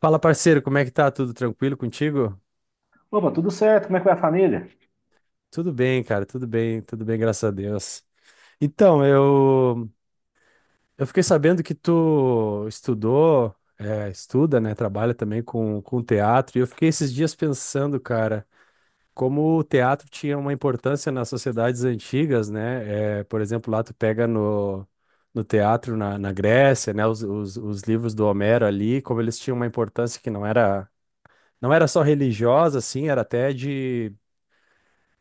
Fala, parceiro, como é que tá? Tudo tranquilo contigo? Opa, tudo certo? Como é que vai a família? Tudo bem, cara, tudo bem, graças a Deus. Então, eu fiquei sabendo que tu estuda, né? Trabalha também com teatro, e eu fiquei esses dias pensando, cara, como o teatro tinha uma importância nas sociedades antigas, né? É, por exemplo, lá tu pega no teatro na Grécia, né? Os livros do Homero ali, como eles tinham uma importância que não era. Não era só religiosa, assim, era até de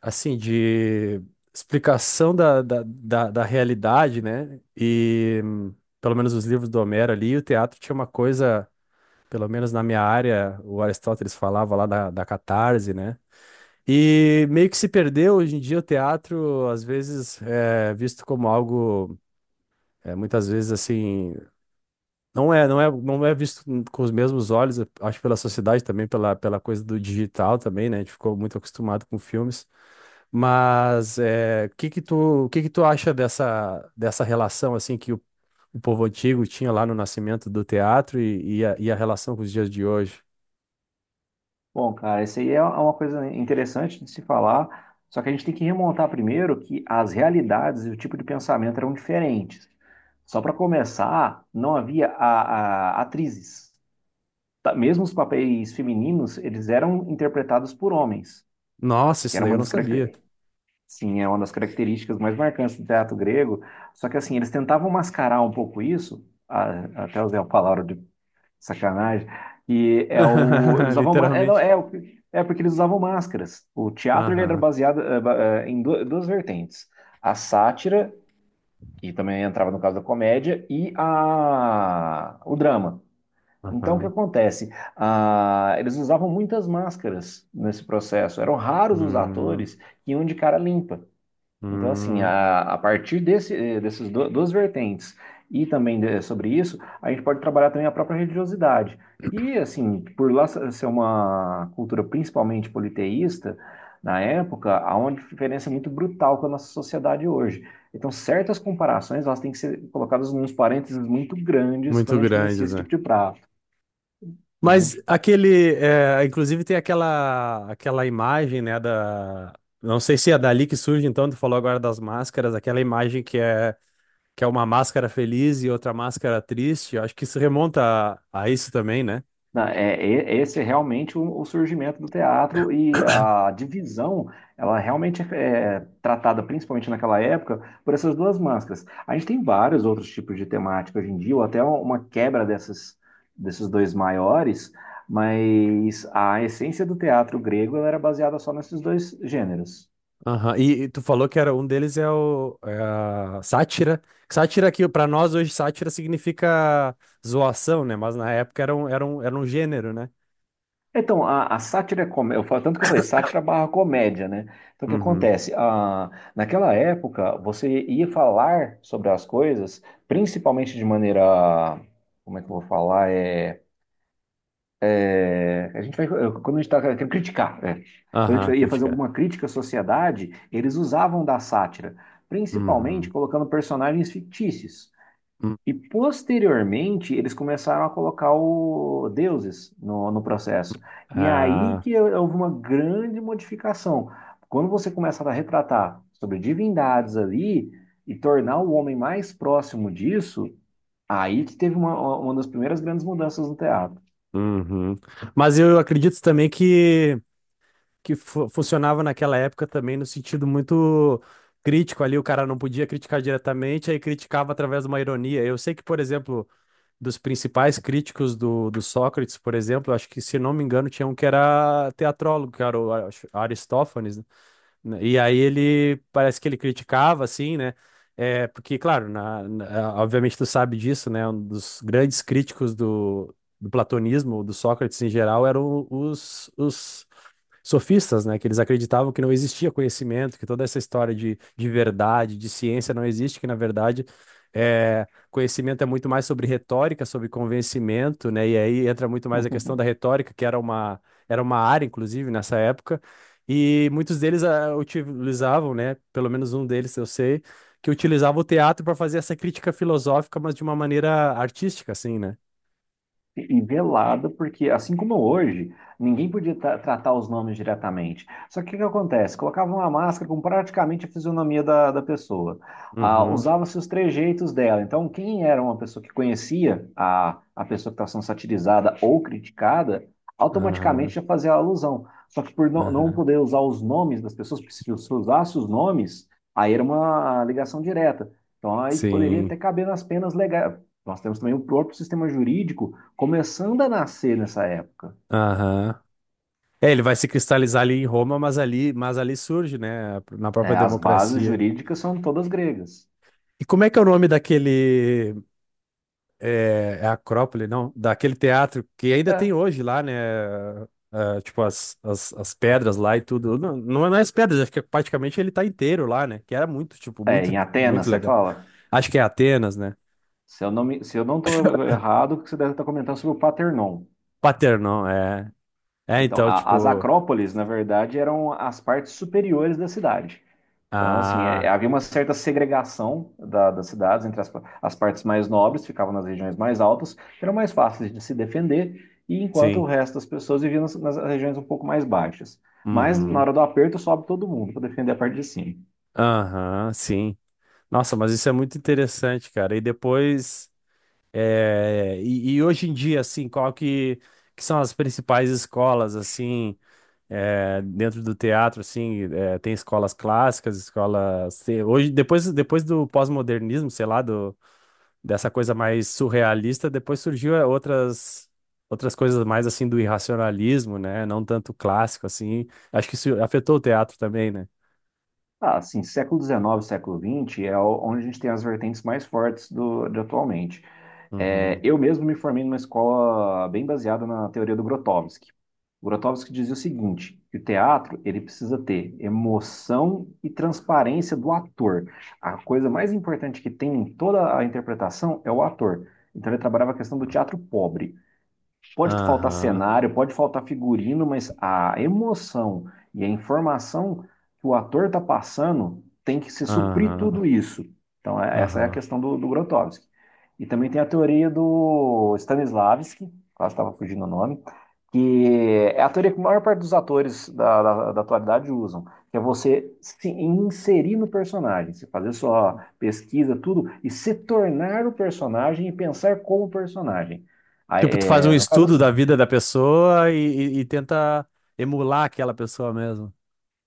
assim, de explicação da realidade, né? Pelo menos os livros do Homero ali, o teatro tinha uma coisa, pelo menos na minha área, o Aristóteles falava lá da catarse, né? E meio que se perdeu hoje em dia o teatro, às vezes é visto como algo, é, muitas vezes assim, não é visto com os mesmos olhos, eu acho pela sociedade também, pela coisa do digital também, né? A gente ficou muito acostumado com filmes. Mas é, o que que tu acha dessa relação assim que o povo antigo tinha lá no nascimento do teatro e a relação com os dias de hoje? Bom, cara, isso aí é uma coisa interessante de se falar, só que a gente tem que remontar primeiro que as realidades e o tipo de pensamento eram diferentes. Só para começar, não havia atrizes. Tá. Mesmo os papéis femininos, eles eram interpretados por homens, Nossa, que isso era daí uma eu não das sabia. Sim, é uma das características mais marcantes do teatro grego. Só que assim, eles tentavam mascarar um pouco isso, até usei a palavra de sacanagem. E é o. Eles usavam. Ma- É, não, Literalmente. é, o- é porque eles usavam máscaras. O teatro ele era Aham, baseado em duas vertentes: a sátira, que também entrava no caso da comédia, e o drama. Então, o que aham. acontece? Eles usavam muitas máscaras nesse processo. Eram raros os Hum, atores que iam de cara limpa. Então, assim, hum. A partir desses duas vertentes e também sobre isso, a gente pode trabalhar também a própria religiosidade. E, assim, por lá ser uma cultura principalmente politeísta, na época, há uma diferença muito brutal com a nossa sociedade hoje. Então, certas comparações, elas têm que ser colocadas nos parênteses muito grandes Muito quando a gente inicia grandes, esse né? tipo de prato. Mas aquele, é, inclusive tem aquela imagem, né, da, não sei se é dali que surge, então tu falou agora das máscaras, aquela imagem que é uma máscara feliz e outra máscara triste. Eu acho que isso remonta a isso também, né? É, esse é realmente o surgimento do teatro e a divisão, ela realmente é tratada, principalmente naquela época, por essas duas máscaras. A gente tem vários outros tipos de temática hoje em dia, ou até uma quebra dessas, desses dois maiores, mas a essência do teatro grego ela era baseada só nesses dois gêneros. Aham. E tu falou que era um deles é o é a sátira. Sátira que para nós hoje sátira significa zoação, né? Mas na época era um gênero, né? Então, a sátira, eu falo tanto que eu falei, sátira barra comédia, né? Então, o que Uhum. acontece? Ah, naquela época, você ia falar sobre as coisas, principalmente de maneira, como é que eu vou falar? A gente vai, quando a gente está querendo criticar, é. Quando a Aham, gente ia fazer criticar. alguma crítica à sociedade, eles usavam da sátira, principalmente Uhum. colocando personagens fictícios. Hum. E posteriormente, eles começaram a colocar o deuses no processo. E aí Ah, que houve uma grande modificação. Quando você começa a retratar sobre divindades ali e tornar o homem mais próximo disso, aí que teve uma das primeiras grandes mudanças no teatro. uhum. Mas eu acredito também que funcionava naquela época também no sentido muito crítico ali, o cara não podia criticar diretamente, aí criticava através de uma ironia. Eu sei que, por exemplo, dos principais críticos do Sócrates, por exemplo, acho que, se não me engano, tinha um que era teatrólogo, que era o Aristófanes, né? E aí ele, parece que ele criticava, assim, né? É, porque, claro, obviamente tu sabe disso, né? Um dos grandes críticos do platonismo, do Sócrates em geral, eram os sofistas, né? Que eles acreditavam que não existia conhecimento, que toda essa história de verdade, de ciência não existe, que na verdade conhecimento é muito mais sobre retórica, sobre convencimento, né? E aí entra muito mais a questão da retórica, que era uma área, inclusive, nessa época. E muitos deles utilizavam, né? Pelo menos um deles eu sei, que utilizava o teatro para fazer essa crítica filosófica, mas de uma maneira artística, assim, né? E e velado, porque assim como hoje, ninguém podia tratar os nomes diretamente. Só que o que que acontece? Colocavam uma máscara com praticamente a fisionomia da pessoa. Ah, Uhum, usava-se os trejeitos dela. Então, quem era uma pessoa que conhecia a pessoa que estava sendo satirizada ou criticada, automaticamente aham, já fazia a alusão. Só que por não aham, poder usar os nomes das pessoas, porque se usasse os nomes, aí era uma ligação direta. Então, aí poderia até sim, caber nas penas legais. Nós temos também o próprio sistema jurídico começando a nascer nessa época. aham. É, ele vai se cristalizar ali em Roma, mas ali, surge, né, na É, própria as bases democracia. jurídicas são todas gregas. E como é que é o nome daquele, é Acrópole, não? Daquele teatro que ainda tem É. hoje lá, né, ah, tipo as pedras lá e tudo. Não, não é as pedras, acho que é praticamente ele tá inteiro lá, né, que era muito, tipo, É, muito, em Atenas, muito você legal. fala? Acho que é Atenas, né? Se eu não me, se eu não estou errado, você deve estar comentando sobre o Paternon. Paternon, é. É, Então, então, as tipo, acrópoles, na verdade, eram as partes superiores da cidade. Então, assim, é, ah, havia uma certa segregação das cidades entre as partes mais nobres, ficavam nas regiões mais altas, que eram mais fáceis de se defender, e enquanto o sim, resto das pessoas viviam nas regiões um pouco mais baixas. Mas, na uhum, hora do aperto, sobe todo mundo para defender a parte de cima. aham, sim. Nossa, mas isso é muito interessante, cara. E depois, é, e hoje em dia, assim, que são as principais escolas, assim, é, dentro do teatro, assim, é, tem escolas clássicas, escolas... Hoje, depois do pós-modernismo, sei lá, dessa coisa mais surrealista, depois surgiu outras coisas mais, assim, do irracionalismo, né? Não tanto clássico, assim. Acho que isso afetou o teatro também, né? Ah, assim, século XIX, século XX é onde a gente tem as vertentes mais fortes do, de atualmente. É, Uhum. eu mesmo me formei numa escola bem baseada na teoria do Grotowski. O Grotowski dizia o seguinte, que o teatro ele precisa ter emoção e transparência do ator. A coisa mais importante que tem em toda a interpretação é o ator. Então ele trabalhava a questão do teatro pobre. Pode faltar Aham, cenário, pode faltar figurino, mas a emoção e a informação que o ator está passando tem que se suprir aham, tudo isso. Então, essa é a aham. questão do Grotowski. E também tem a teoria do Stanislavski, quase estava fugindo o nome, que é a teoria que a maior parte dos atores da atualidade usam, que é você se inserir no personagem, você fazer sua pesquisa, tudo, e se tornar o personagem e pensar como personagem. Aí, Tipo, tu faz um é, no caso, estudo da assim, vida da pessoa e tenta emular aquela pessoa mesmo.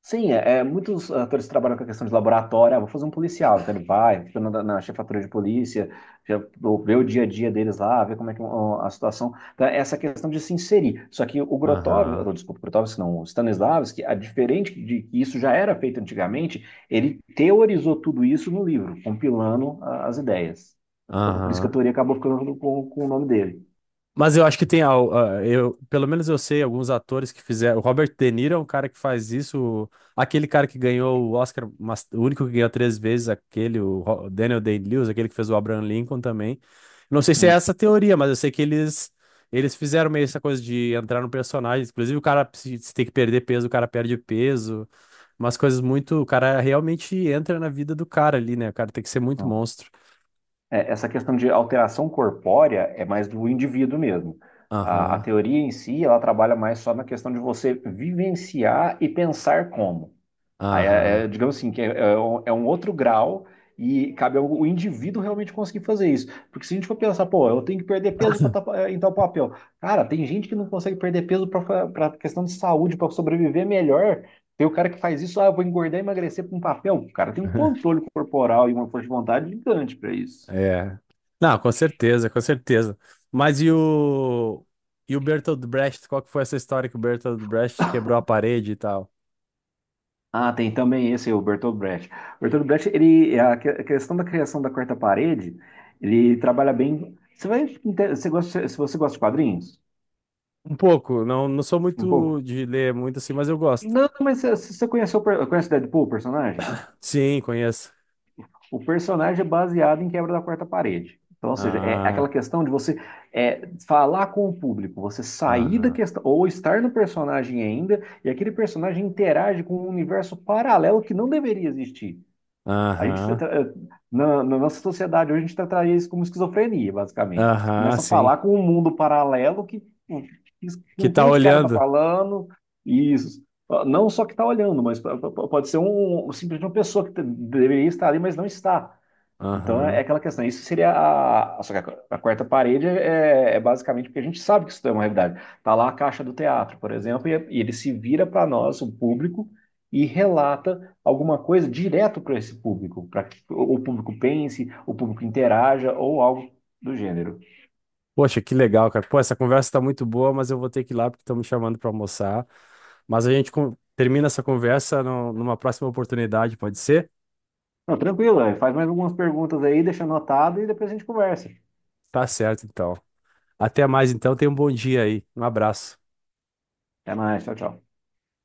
sim, muitos atores trabalham com a questão de laboratório. Ah, vou fazer um policial. Então ele vai, fica na chefatura de polícia, já, vê o dia a dia deles lá, vê como é que ó, a situação. Então, é essa questão de se inserir. Só que o Grotov, Aham, não, desculpa, Grotov, não, o Stanislavski, a diferente de que isso já era feito antigamente, ele teorizou tudo isso no livro, compilando as ideias. Então, por isso que a aham. teoria acabou ficando com o nome dele. Mas eu acho que tem ah, eu, pelo menos eu sei alguns atores que fizeram. O Robert De Niro é um cara que faz isso. Aquele cara que ganhou o Oscar, o único que ganhou três vezes, aquele, o Daniel Day-Lewis, aquele que fez o Abraham Lincoln também. Não sei se é essa a teoria, mas eu sei que eles fizeram meio essa coisa de entrar no personagem. Inclusive, o cara, se tem que perder peso, o cara perde peso. Umas coisas muito. O cara realmente entra na vida do cara ali, né? O cara tem que ser muito Então, monstro. É, essa questão de alteração corpórea é mais do indivíduo mesmo. A Aham, teoria em si, ela trabalha mais só na questão de você vivenciar e pensar como. Aí, aham. Digamos assim, é um outro grau e cabe ao o indivíduo realmente conseguir fazer isso. Porque se a gente for pensar, pô, eu tenho que perder peso para entrar o papel. Cara, tem gente que não consegue perder peso para questão de saúde, para sobreviver melhor. Tem o cara que faz isso, ah, eu vou engordar e emagrecer para um papel. O cara tem um controle corporal e uma força de vontade gigante para isso. É. Não, com certeza, com certeza. Mas e o Bertolt Brecht, qual que foi essa história que o Bertolt Brecht quebrou a parede e tal? Ah, tem também esse, o Bertolt Brecht. Bertolt Brecht, ele, a questão da criação da quarta parede, ele trabalha bem. Você vai, você gosta, se você gosta de quadrinhos, Um pouco, não, não sou um pouco? muito de ler muito assim, mas eu gosto. Não, mas você conhece o conhece o Deadpool, o personagem? Sim, conheço. O personagem é baseado em quebra da quarta parede. Então, ou seja, é aquela Ah, questão de você é, falar com o público, você sair da aham, questão, ou estar no personagem ainda, e aquele personagem interage com um universo paralelo que não deveria existir. A gente, aham, na nossa sociedade hoje, a gente tá traindo isso como esquizofrenia, basicamente. Você aham, começa a sim. falar com um mundo paralelo que, pô, isso- Que com tá quem esse cara tá olhando. falando, e isso. Não só que tá olhando, mas pode ser um, simplesmente uma pessoa que deveria estar ali, mas não está. Então é Aham. aquela questão. Isso seria a. Só que a quarta parede é basicamente porque a gente sabe que isso é uma realidade. Tá lá a caixa do teatro, por exemplo, e ele se vira para nós, o público, e relata alguma coisa direto para esse público, para que o público pense, o público interaja ou algo do gênero. Poxa, que legal, cara. Pô, essa conversa tá muito boa, mas eu vou ter que ir lá porque estão me chamando pra almoçar. Mas a gente termina essa conversa numa próxima oportunidade, pode ser? Não, tranquilo, é, faz mais algumas perguntas aí, deixa anotado e depois a gente conversa. Tá certo, então. Até mais então, tenha um bom dia aí. Um abraço. Até mais, tchau, tchau.